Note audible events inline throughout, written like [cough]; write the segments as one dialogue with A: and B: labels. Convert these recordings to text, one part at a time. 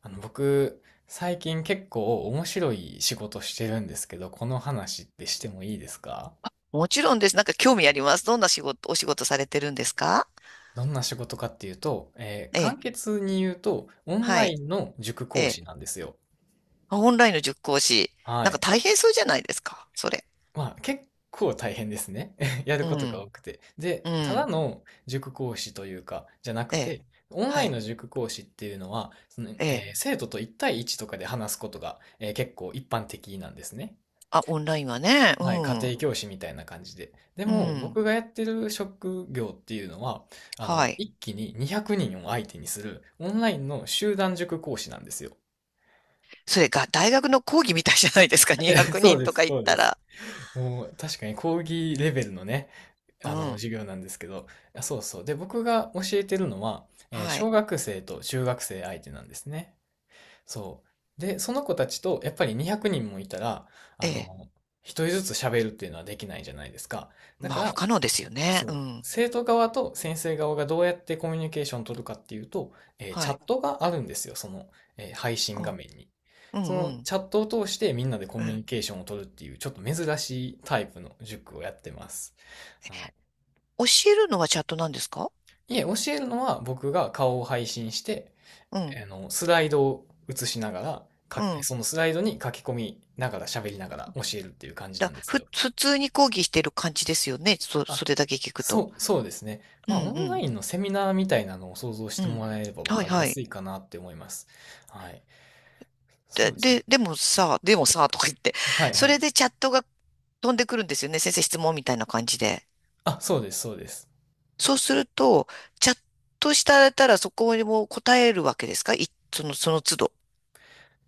A: 僕、最近結構面白い仕事してるんですけど、この話ってしてもいいですか？
B: もちろんです。なんか興味あります。どんな仕事、お仕事されてるんですか？
A: どんな仕事かっていうと、
B: え
A: 簡
B: え。
A: 潔に言うと、オン
B: は
A: ライ
B: い。
A: ンの塾
B: え
A: 講師
B: え。
A: なんですよ。
B: あ、オンラインの塾講師。
A: は
B: なんか
A: い。
B: 大変そうじゃないですか。それ。
A: まあ、結構大変ですね。[laughs] やる
B: う
A: ことが
B: ん。
A: 多くて。
B: う
A: で、ただ
B: ん。
A: の塾講師というか、じゃなく
B: ええ。
A: て、オンラ
B: は
A: イン
B: い。
A: の塾講師っていうのは、
B: ええ。
A: 生徒と一対一とかで話すことが、結構一般的なんですね。
B: あ、オンラインはね。う
A: はい、家
B: ん。
A: 庭教師みたいな感じで。で
B: う
A: も、
B: ん。
A: 僕がやってる職業っていうのは、
B: はい。
A: 一気に200人を相手にするオンラインの集団塾講師なんですよ。
B: それが大学の講義みたいじゃないですか。200
A: [laughs] そう
B: 人
A: で
B: と
A: す、
B: か行っ
A: そうで
B: た
A: す。
B: ら。
A: [laughs] もう、確かに講義レベルのね、
B: うん。
A: 授業なんですけど、あそうそう。で、僕が教えてるのは、
B: は
A: 小
B: い。
A: 学生と中学生相手なんですね。そう。で、その子たちと、やっぱり200人もいたら、
B: え
A: あ
B: え。
A: の、一人ずつ喋るっていうのはできないじゃないですか。だ
B: ま
A: か
B: あ、不
A: ら、
B: 可能ですよね。
A: そ
B: う
A: う。
B: ん。
A: 生徒側と先生側がどうやってコミュニケーションを取るかっていうと、チ
B: は
A: ャ
B: い。
A: ットがあるんですよ、配信
B: う
A: 画
B: ん。
A: 面に。
B: う
A: そ
B: ん
A: の
B: うん。
A: チャットを通してみんなでコ
B: え
A: ミュ
B: え。
A: ニケーションを取るっていう、ちょっと珍しいタイプの塾をやってます。は
B: 教えるのはチャットなんですか？
A: い。いえ、教えるのは僕が顔を配信して、
B: うん。
A: スライドを映しながら、
B: うん。
A: そのスライドに書き込みながら喋りながら教えるっていう感じなんですよ。
B: 普通に講義してる感じですよね。
A: あ、
B: それだけ聞くと。
A: そうですね。
B: う
A: ま
B: ん、
A: あ、
B: う
A: オンラ
B: ん、
A: インのセミナーみたいなのを想像し
B: う
A: て
B: ん。
A: もらえれば分
B: はい、
A: かり
B: は
A: や
B: い。
A: すいかなって思います。はい。そうですね。
B: でもさ、でもさ、とか言って。
A: はいは
B: そ
A: い。
B: れでチャットが飛んでくるんですよね。先生質問みたいな感じで。
A: あ、そうです、そうです。
B: そうすると、チャットしたらそこにも答えるわけですかい？その都度。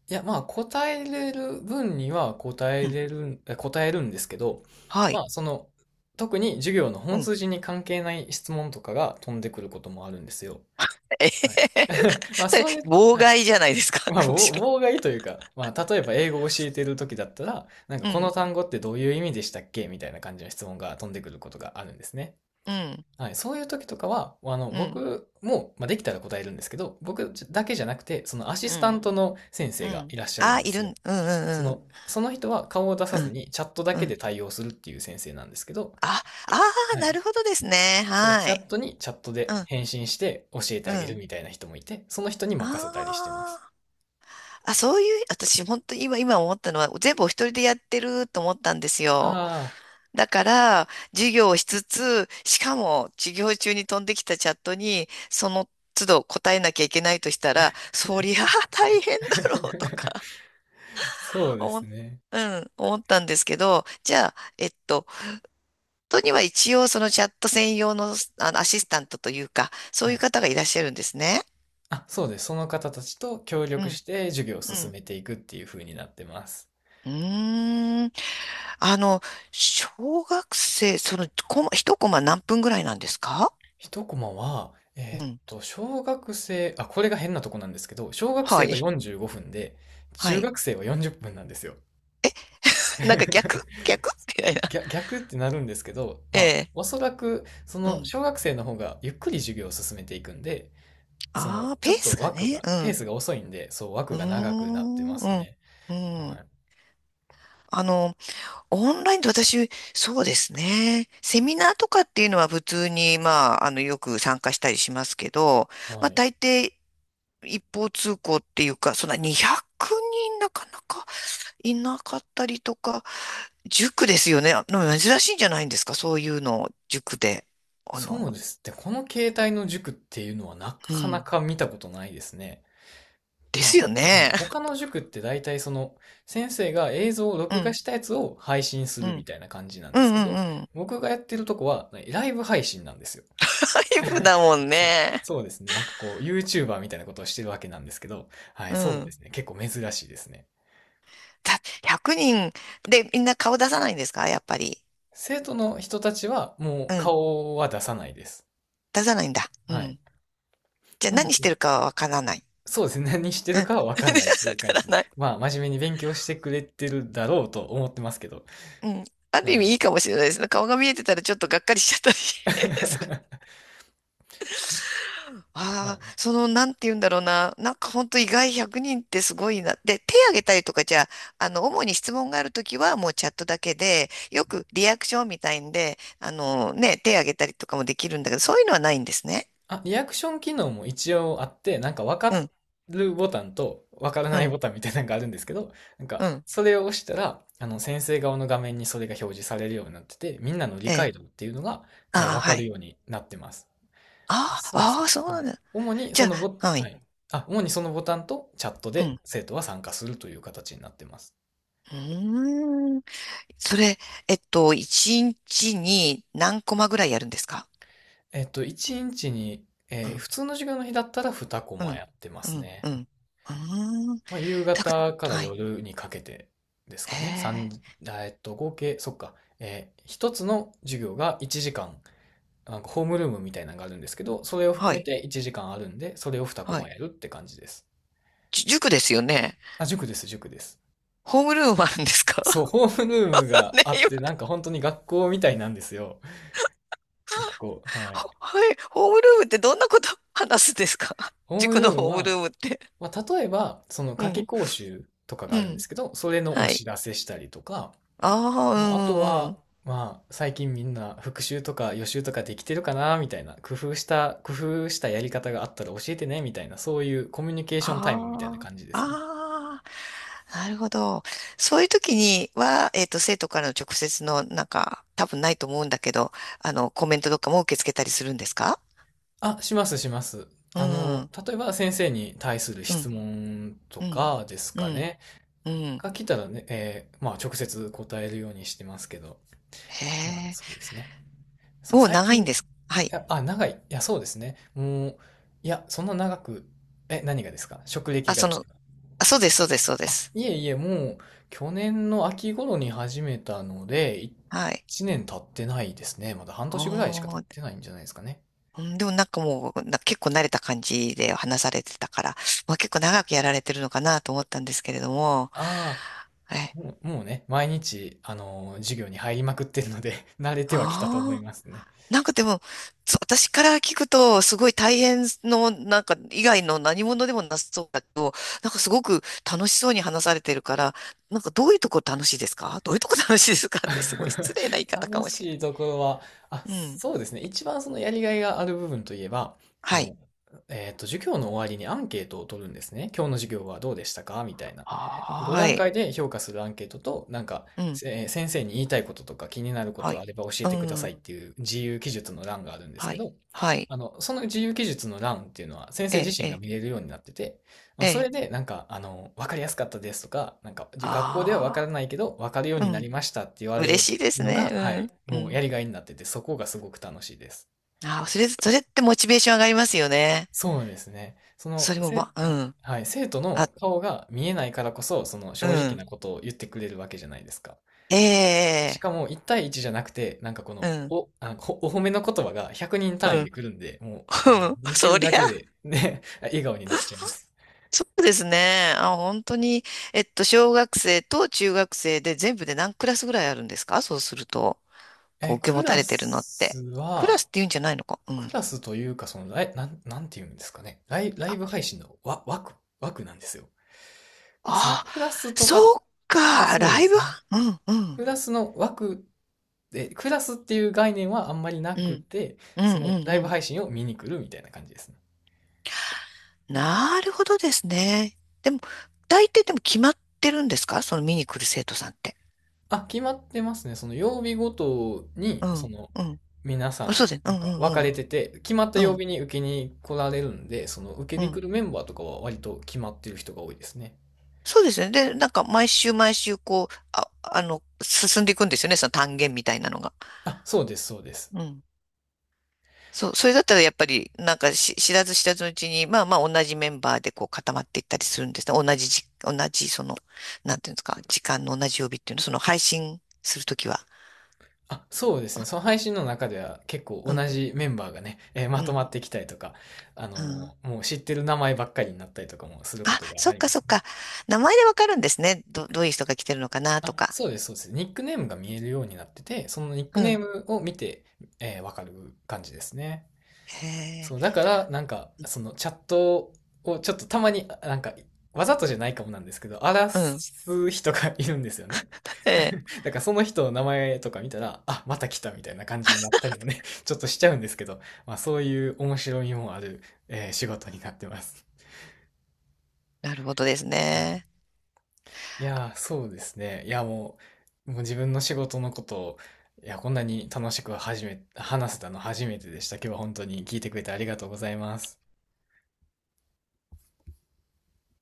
A: いや、まあ、答えれる分には答え
B: うん。
A: れる、え答えるんですけど、
B: は
A: ま
B: い。
A: あ、その、特に授業の
B: う
A: 本
B: ん。
A: 筋に関係ない質問とかが飛んでくることもあるんですよ。
B: [laughs] えへ
A: はい。
B: へへ
A: まあ、
B: それ、
A: そういう、
B: 妨
A: はい。
B: 害じゃないですか？
A: まあ、
B: [laughs] むしろ。
A: 妨害というか、まあ、例えば英語を教えてる時だったら、なんか
B: う
A: この
B: ん、
A: 単語ってどういう意味でしたっけみたいな感じの質問が飛んでくることがあるんですね。
B: うん、
A: はい、そういう時とかは、
B: うん、
A: 僕も、まあ、できたら答えるんですけど、僕だけじゃなくて、そのアシ
B: う
A: スタン
B: ん、
A: トの先
B: う
A: 生が
B: ん。
A: いらっしゃる
B: あ、
A: んで
B: い
A: す
B: るん、
A: よ。
B: うん、うん、
A: その人は顔を出さ
B: うん、
A: ずにチャットだ
B: うん、う
A: けで
B: ん。
A: 対応するっていう先生なんですけど、
B: あ、ああ、
A: は
B: な
A: い。
B: るほどですね。
A: そう、
B: は
A: チャッ
B: い。
A: トにチャット
B: う
A: で
B: ん、
A: 返信して教えて
B: う
A: あげる
B: ん。
A: みたいな人もいて、その人に任せたりしてま
B: あ
A: す。
B: あ、あ、そういう、私、本当に今思ったのは、全部お一人でやってると思ったんです
A: あ
B: よ。
A: あ。
B: だから、授業をしつつ、しかも、授業中に飛んできたチャットに、その都度答えなきゃいけないとしたら、そりゃあ大変だろうと
A: [laughs]
B: か、
A: そう
B: [laughs]
A: で
B: 思
A: す
B: っ、
A: ね。
B: うん、思ったんですけど、じゃあ、本当には一応、そのチャット専用の、アシスタントというか、そ
A: は
B: ういう
A: い。
B: 方がいらっしゃるんですね。
A: あ、そうです。その方たちと協
B: う
A: 力
B: ん、
A: して授業を
B: う
A: 進
B: ん。
A: めていくっていう風になってます。
B: うーん。あの、小学生、一コマ何分ぐらいなんですか？
A: 一コマは、
B: うん。
A: 小学生、あ、これが変なとこなんですけど、小学
B: は
A: 生は
B: い。
A: 45分で、
B: は
A: 中
B: い。
A: 学生は40分なんですよ。
B: [laughs] なんか逆、
A: [laughs]
B: 逆みたいな。
A: 逆、逆ってなるんですけど、
B: え
A: まあ、
B: え。
A: おそらく、そ
B: う
A: の、
B: ん。
A: 小学生の方がゆっくり授業を進めていくんで、その、
B: ああ、
A: ち
B: ペ
A: ょ
B: ー
A: っ
B: ス
A: と
B: が
A: 枠
B: ね。
A: が、
B: う
A: ペー
B: ん。
A: スが遅いんで、そう、
B: う
A: 枠
B: ー
A: が長くなって
B: ん。
A: ま
B: う
A: す
B: ん。
A: ね。
B: う
A: は
B: ん。
A: い。
B: あの、オンラインで私、そうですね。セミナーとかっていうのは普通に、まあ、よく参加したりしますけど、ま
A: は
B: あ、
A: い。
B: 大抵一方通行っていうか、そんな200人なかなか。いなかったりとか、塾ですよね。珍しいんじゃないんですか？そういうの、塾で。あの、
A: そうですね。この形態の塾っていうのはな
B: う
A: かな
B: ん。
A: か見たことないですね。
B: ですよ
A: はい。
B: ね。
A: 他
B: [laughs]
A: の塾って大体その先生が映像を
B: う
A: 録画
B: ん、
A: したやつを配信す
B: う
A: るみ
B: ん、
A: たいな感じなん
B: う
A: で
B: ん、
A: す
B: う
A: けど、
B: ん、うん。
A: 僕がやってるとこはライブ配信なんですよ。
B: 外
A: [laughs]
B: 部だもん
A: そう、
B: ね。
A: そうですね。なんかこう YouTuber みたいなことをしてるわけなんですけど、はい、
B: う
A: そうで
B: ん。
A: すね。結構珍しいですね。
B: 100人でみんな顔出さないんですか、やっぱり？
A: 生徒の人たちはもう
B: うん。
A: 顔は出さないです。
B: 出さないんだ。う
A: はい。
B: ん。じゃあ何してるかはわからない。
A: そうですね。何して
B: うん。
A: るかはわかんないと
B: [laughs]
A: い
B: わ
A: う感
B: から
A: じで。
B: ない。
A: まあ、真面目に勉強してくれてるだろうと思ってますけど。
B: うん。ある
A: は
B: 意味い
A: い。
B: いかもしれないですね。顔が見えてたらちょっとがっかりしちゃったり [laughs] す
A: [laughs] まあ
B: ああ、
A: ね。
B: なんて言うんだろうな。なんか本当意外100人ってすごいな。で、手挙げたりとかじゃあ、主に質問があるときはもうチャットだけで、よくリアクションみたいんで、ね、手挙げたりとかもできるんだけど、そういうのはないんですね。
A: あ、リアクション機能も一応あって、なんかわ
B: う
A: か
B: ん、
A: るボタンとわから
B: う
A: ない
B: ん、
A: ボタンみたいなのがあるんですけど、なん
B: う
A: か、
B: ん。
A: それを押したら、先生側の画面にそれが表示されるようになってて、みんなの理
B: ええ。
A: 解度っていうのが、
B: あ
A: わ
B: あ、
A: か
B: は
A: る
B: い。
A: ようになってます。
B: あ
A: そうです
B: あ、あ
A: ね。
B: あ、そう
A: は
B: なん
A: い。
B: だ。
A: 主に
B: じ
A: そ
B: ゃ
A: のボ、
B: あ、は
A: は
B: い。
A: い。あ、主にそのボタンとチャット
B: う
A: で
B: ん。
A: 生徒は参加するという形になってます。
B: うーん。それ、1日にちに何コマぐらいやるんですか？
A: えっと、1日にちに、
B: うん、
A: 普通の授業の日だったら2コ
B: う
A: マ
B: ん、
A: やってま
B: う
A: す
B: ん、
A: ね。
B: うん。うーん。
A: まあ、夕
B: たく
A: 方から
B: はい。
A: 夜にかけてです
B: へ
A: かね。三
B: え。
A: あえっと、合計、そっか、1つの授業が1時間、なんかホームルームみたいなのがあるんですけど、それを
B: は
A: 含め
B: い。
A: て1時間あるんで、それを2コ
B: は
A: マ
B: い。
A: やるって感じです。
B: 塾ですよね。
A: あ、塾です、塾です。
B: ホームルームあるんですか？
A: そう、
B: [laughs]
A: ホームルームが
B: ね、
A: あっ
B: 今、
A: て、なんか本当に学校みたいなんですよ。なんかこう、はい。
B: はい。ホームルームってどんなこと話すんですか？ [laughs]
A: ホーム
B: 塾
A: ル
B: の
A: ーム
B: ホームルー
A: は、
B: ムって。
A: まあ、例えば、その
B: う
A: 夏期
B: ん。
A: 講習とかが
B: う
A: あるんで
B: ん。
A: すけど、それのお
B: はい。
A: 知らせしたりとか、
B: ああ、う
A: まあ、あと
B: んうんう
A: は、
B: ん。
A: まあ、最近みんな復習とか予習とかできてるかな、みたいな、工夫したやり方があったら教えてね、みたいな、そういうコミュニケーションタイムみたいな
B: あ
A: 感じ
B: あ、
A: ですね。
B: ああ、なるほど。そういう時には、生徒からの直接の、なんか、多分ないと思うんだけど、コメントとかも受け付けたりするんですか？
A: あ、します、します。
B: う
A: あの、
B: ん、
A: 例えば先生に対する
B: う
A: 質
B: ん、
A: 問と
B: うん、
A: かです
B: う
A: か
B: ん、
A: ね。
B: うん。
A: が来たらね、まあ、直接答えるようにしてますけど、
B: へ
A: まあ、
B: え。
A: そうですね。そう、
B: お、
A: 最
B: 長い
A: 近、
B: ん
A: い
B: です。はい。
A: や、あ、長い。いや、そうですね。もう、いや、そんな長く、え、何がですか？職歴
B: あ、
A: がですか？
B: そうです、そうです、そうで
A: あ、
B: す。
A: いえいえ、もう、去年の秋頃に始めたので、
B: はい。
A: 1年経ってないですね。まだ半年ぐらいしか経
B: お
A: っ
B: ー、
A: てないんじゃないですかね。
B: うんでもなんかもう、結構慣れた感じで話されてたから、まあ、結構長くやられてるのかなと思ったんですけれども、
A: ああ、
B: え、
A: もうね、毎日、授業に入りまくってるので [laughs] 慣れてはきたと思
B: あ
A: い
B: あ、
A: ますね。
B: なんかでも、そう私から聞くと、すごい大変の、なんか以外の何者でもなさそうだけど、なんかすごく楽しそうに話されてるから、なんかどういうとこ楽しいですかどういうとこ楽しいですかってすごい失礼な言い
A: [laughs]
B: 方か
A: 楽
B: もしれ
A: しいところは、あ、
B: ない。うん。
A: そうですね。一番そのやりがいがある部分といえば、あ
B: はい。
A: の、授業の終わりにアンケートを取るんですね。今日の授業はどうでしたかみたいな。
B: はーい。
A: 5段階で評価するアンケートと、なんか、
B: うん。
A: 先生に言いたいこととか気になるこ
B: は
A: とあ
B: い。
A: れば教え
B: う
A: てください
B: ん。
A: っていう自由記述の欄があるんです
B: は
A: け
B: い。
A: ど、
B: はい。
A: その自由記述の欄っていうのは先生
B: え
A: 自
B: え、
A: 身
B: え
A: が
B: え、
A: 見れるようになってて、まあ、
B: え
A: それ
B: え。
A: で、なんか、あの、わかりやすかったですとか、なんか、学校ではわから
B: あ
A: ないけど、わかるよう
B: あ、う
A: にな
B: ん。
A: りましたって言われる
B: 嬉しいです
A: のが、は
B: ね。
A: い、
B: うん。う
A: もう
B: ん。
A: やりがいになってて、そこがすごく楽しいです。
B: ああ、それってモチベーション上がりますよね。
A: そうですね。
B: それも、ま、うん。
A: はい、生徒
B: あ、
A: の顔が見えないからこそ、その
B: う
A: 正直
B: ん。
A: なことを言ってくれるわけじゃないですか。
B: え
A: し
B: え、
A: かも、1対1じゃなくて、なんかこ
B: う
A: の、
B: ん。
A: お、あの、おお褒めの言葉が100人単
B: う
A: 位で
B: ん。
A: 来るんで、もう、あの、
B: [laughs]
A: 見てる
B: そり
A: だけ
B: ゃ、
A: で、ね、[laughs] 笑顔になっちゃいます。
B: そうですね。あ、本当に、小学生と中学生で全部で何クラスぐらいあるんですか？そうすると、こう、
A: え、
B: 受け
A: ク
B: 持た
A: ラ
B: れてるのっ
A: ス
B: て。クラ
A: は、
B: スって言うんじゃないのか。う
A: ク
B: ん。
A: ラスというか、そのライ、なん、なんていうんですかね。ライブ配信の枠、枠なんですよ。その
B: あ、
A: クラスと
B: そ
A: か、
B: っか、
A: そう
B: ラ
A: で
B: イブ
A: すね。
B: はうんうん、
A: クラスの枠で、クラスっていう概念はあんまりな
B: う
A: く
B: ん、
A: て、
B: うん、
A: そ
B: うん、
A: のライブ
B: うん。
A: 配信を見に来るみたいな感じですね。
B: なるほどですね。でも、大抵でも決まってるんですか、その見に来る生徒さんって？
A: あ、決まってますね。その曜日ごと
B: う
A: に、そ
B: ん、
A: の、
B: うん。
A: 皆さ
B: あ、そ
A: ん、
B: うです。う
A: なん
B: ん、う
A: か
B: ん、
A: 分か
B: うん、
A: れてて、決まった
B: う
A: 曜
B: ん、
A: 日に受けに来られるんで、その受
B: う
A: けに来
B: ん。
A: るメンバーとかは割と決まってる人が多いですね。
B: そうですね。で、なんか毎週毎週こう、あ、進んでいくんですよね。その単元みたいなのが。
A: あ、そうです、そうです。
B: うん。そう、それだったらやっぱり、なんかし知らず知らずのうちに、まあまあ同じメンバーでこう固まっていったりするんですね。同じその、なんていうんですか、時間の同じ曜日っていうの、その配信するときは。
A: あ、そうですね。その配信の中では結構
B: う
A: 同
B: ん、
A: じメンバーがね、ま
B: う
A: と
B: ん、
A: まってきたりとか、
B: うん。
A: もう知ってる名前ばっかりになったりとかもするこ
B: あ、
A: とが
B: そ
A: あ
B: っ
A: り
B: か
A: ま
B: そっ
A: すね。
B: か。名前でわかるんですね。どういう人が来てるのかなと
A: あ、
B: か。
A: そうです、そうです。ニックネームが見えるようになってて、そのニック
B: う
A: ネー
B: ん。
A: ムを見て、わかる感じですね。
B: へえ、
A: そう、だから、なんか、そのチャットをちょっとたまに、なんか、わざとじゃないかもなんですけど、荒ら
B: うん。
A: す人がいるんですよね。
B: へえ、
A: [laughs] だからその人の名前とか見たら、あ、また来たみたいな感じになったりもね、[laughs] ちょっとしちゃうんですけど、まあそういう面白みもある、仕事になってます。
B: なるほどですね。
A: そうですね。もう自分の仕事のことを、こんなに楽しくはじめ、話せたの初めてでした。今日は本当に聞いてくれてありがとうございます。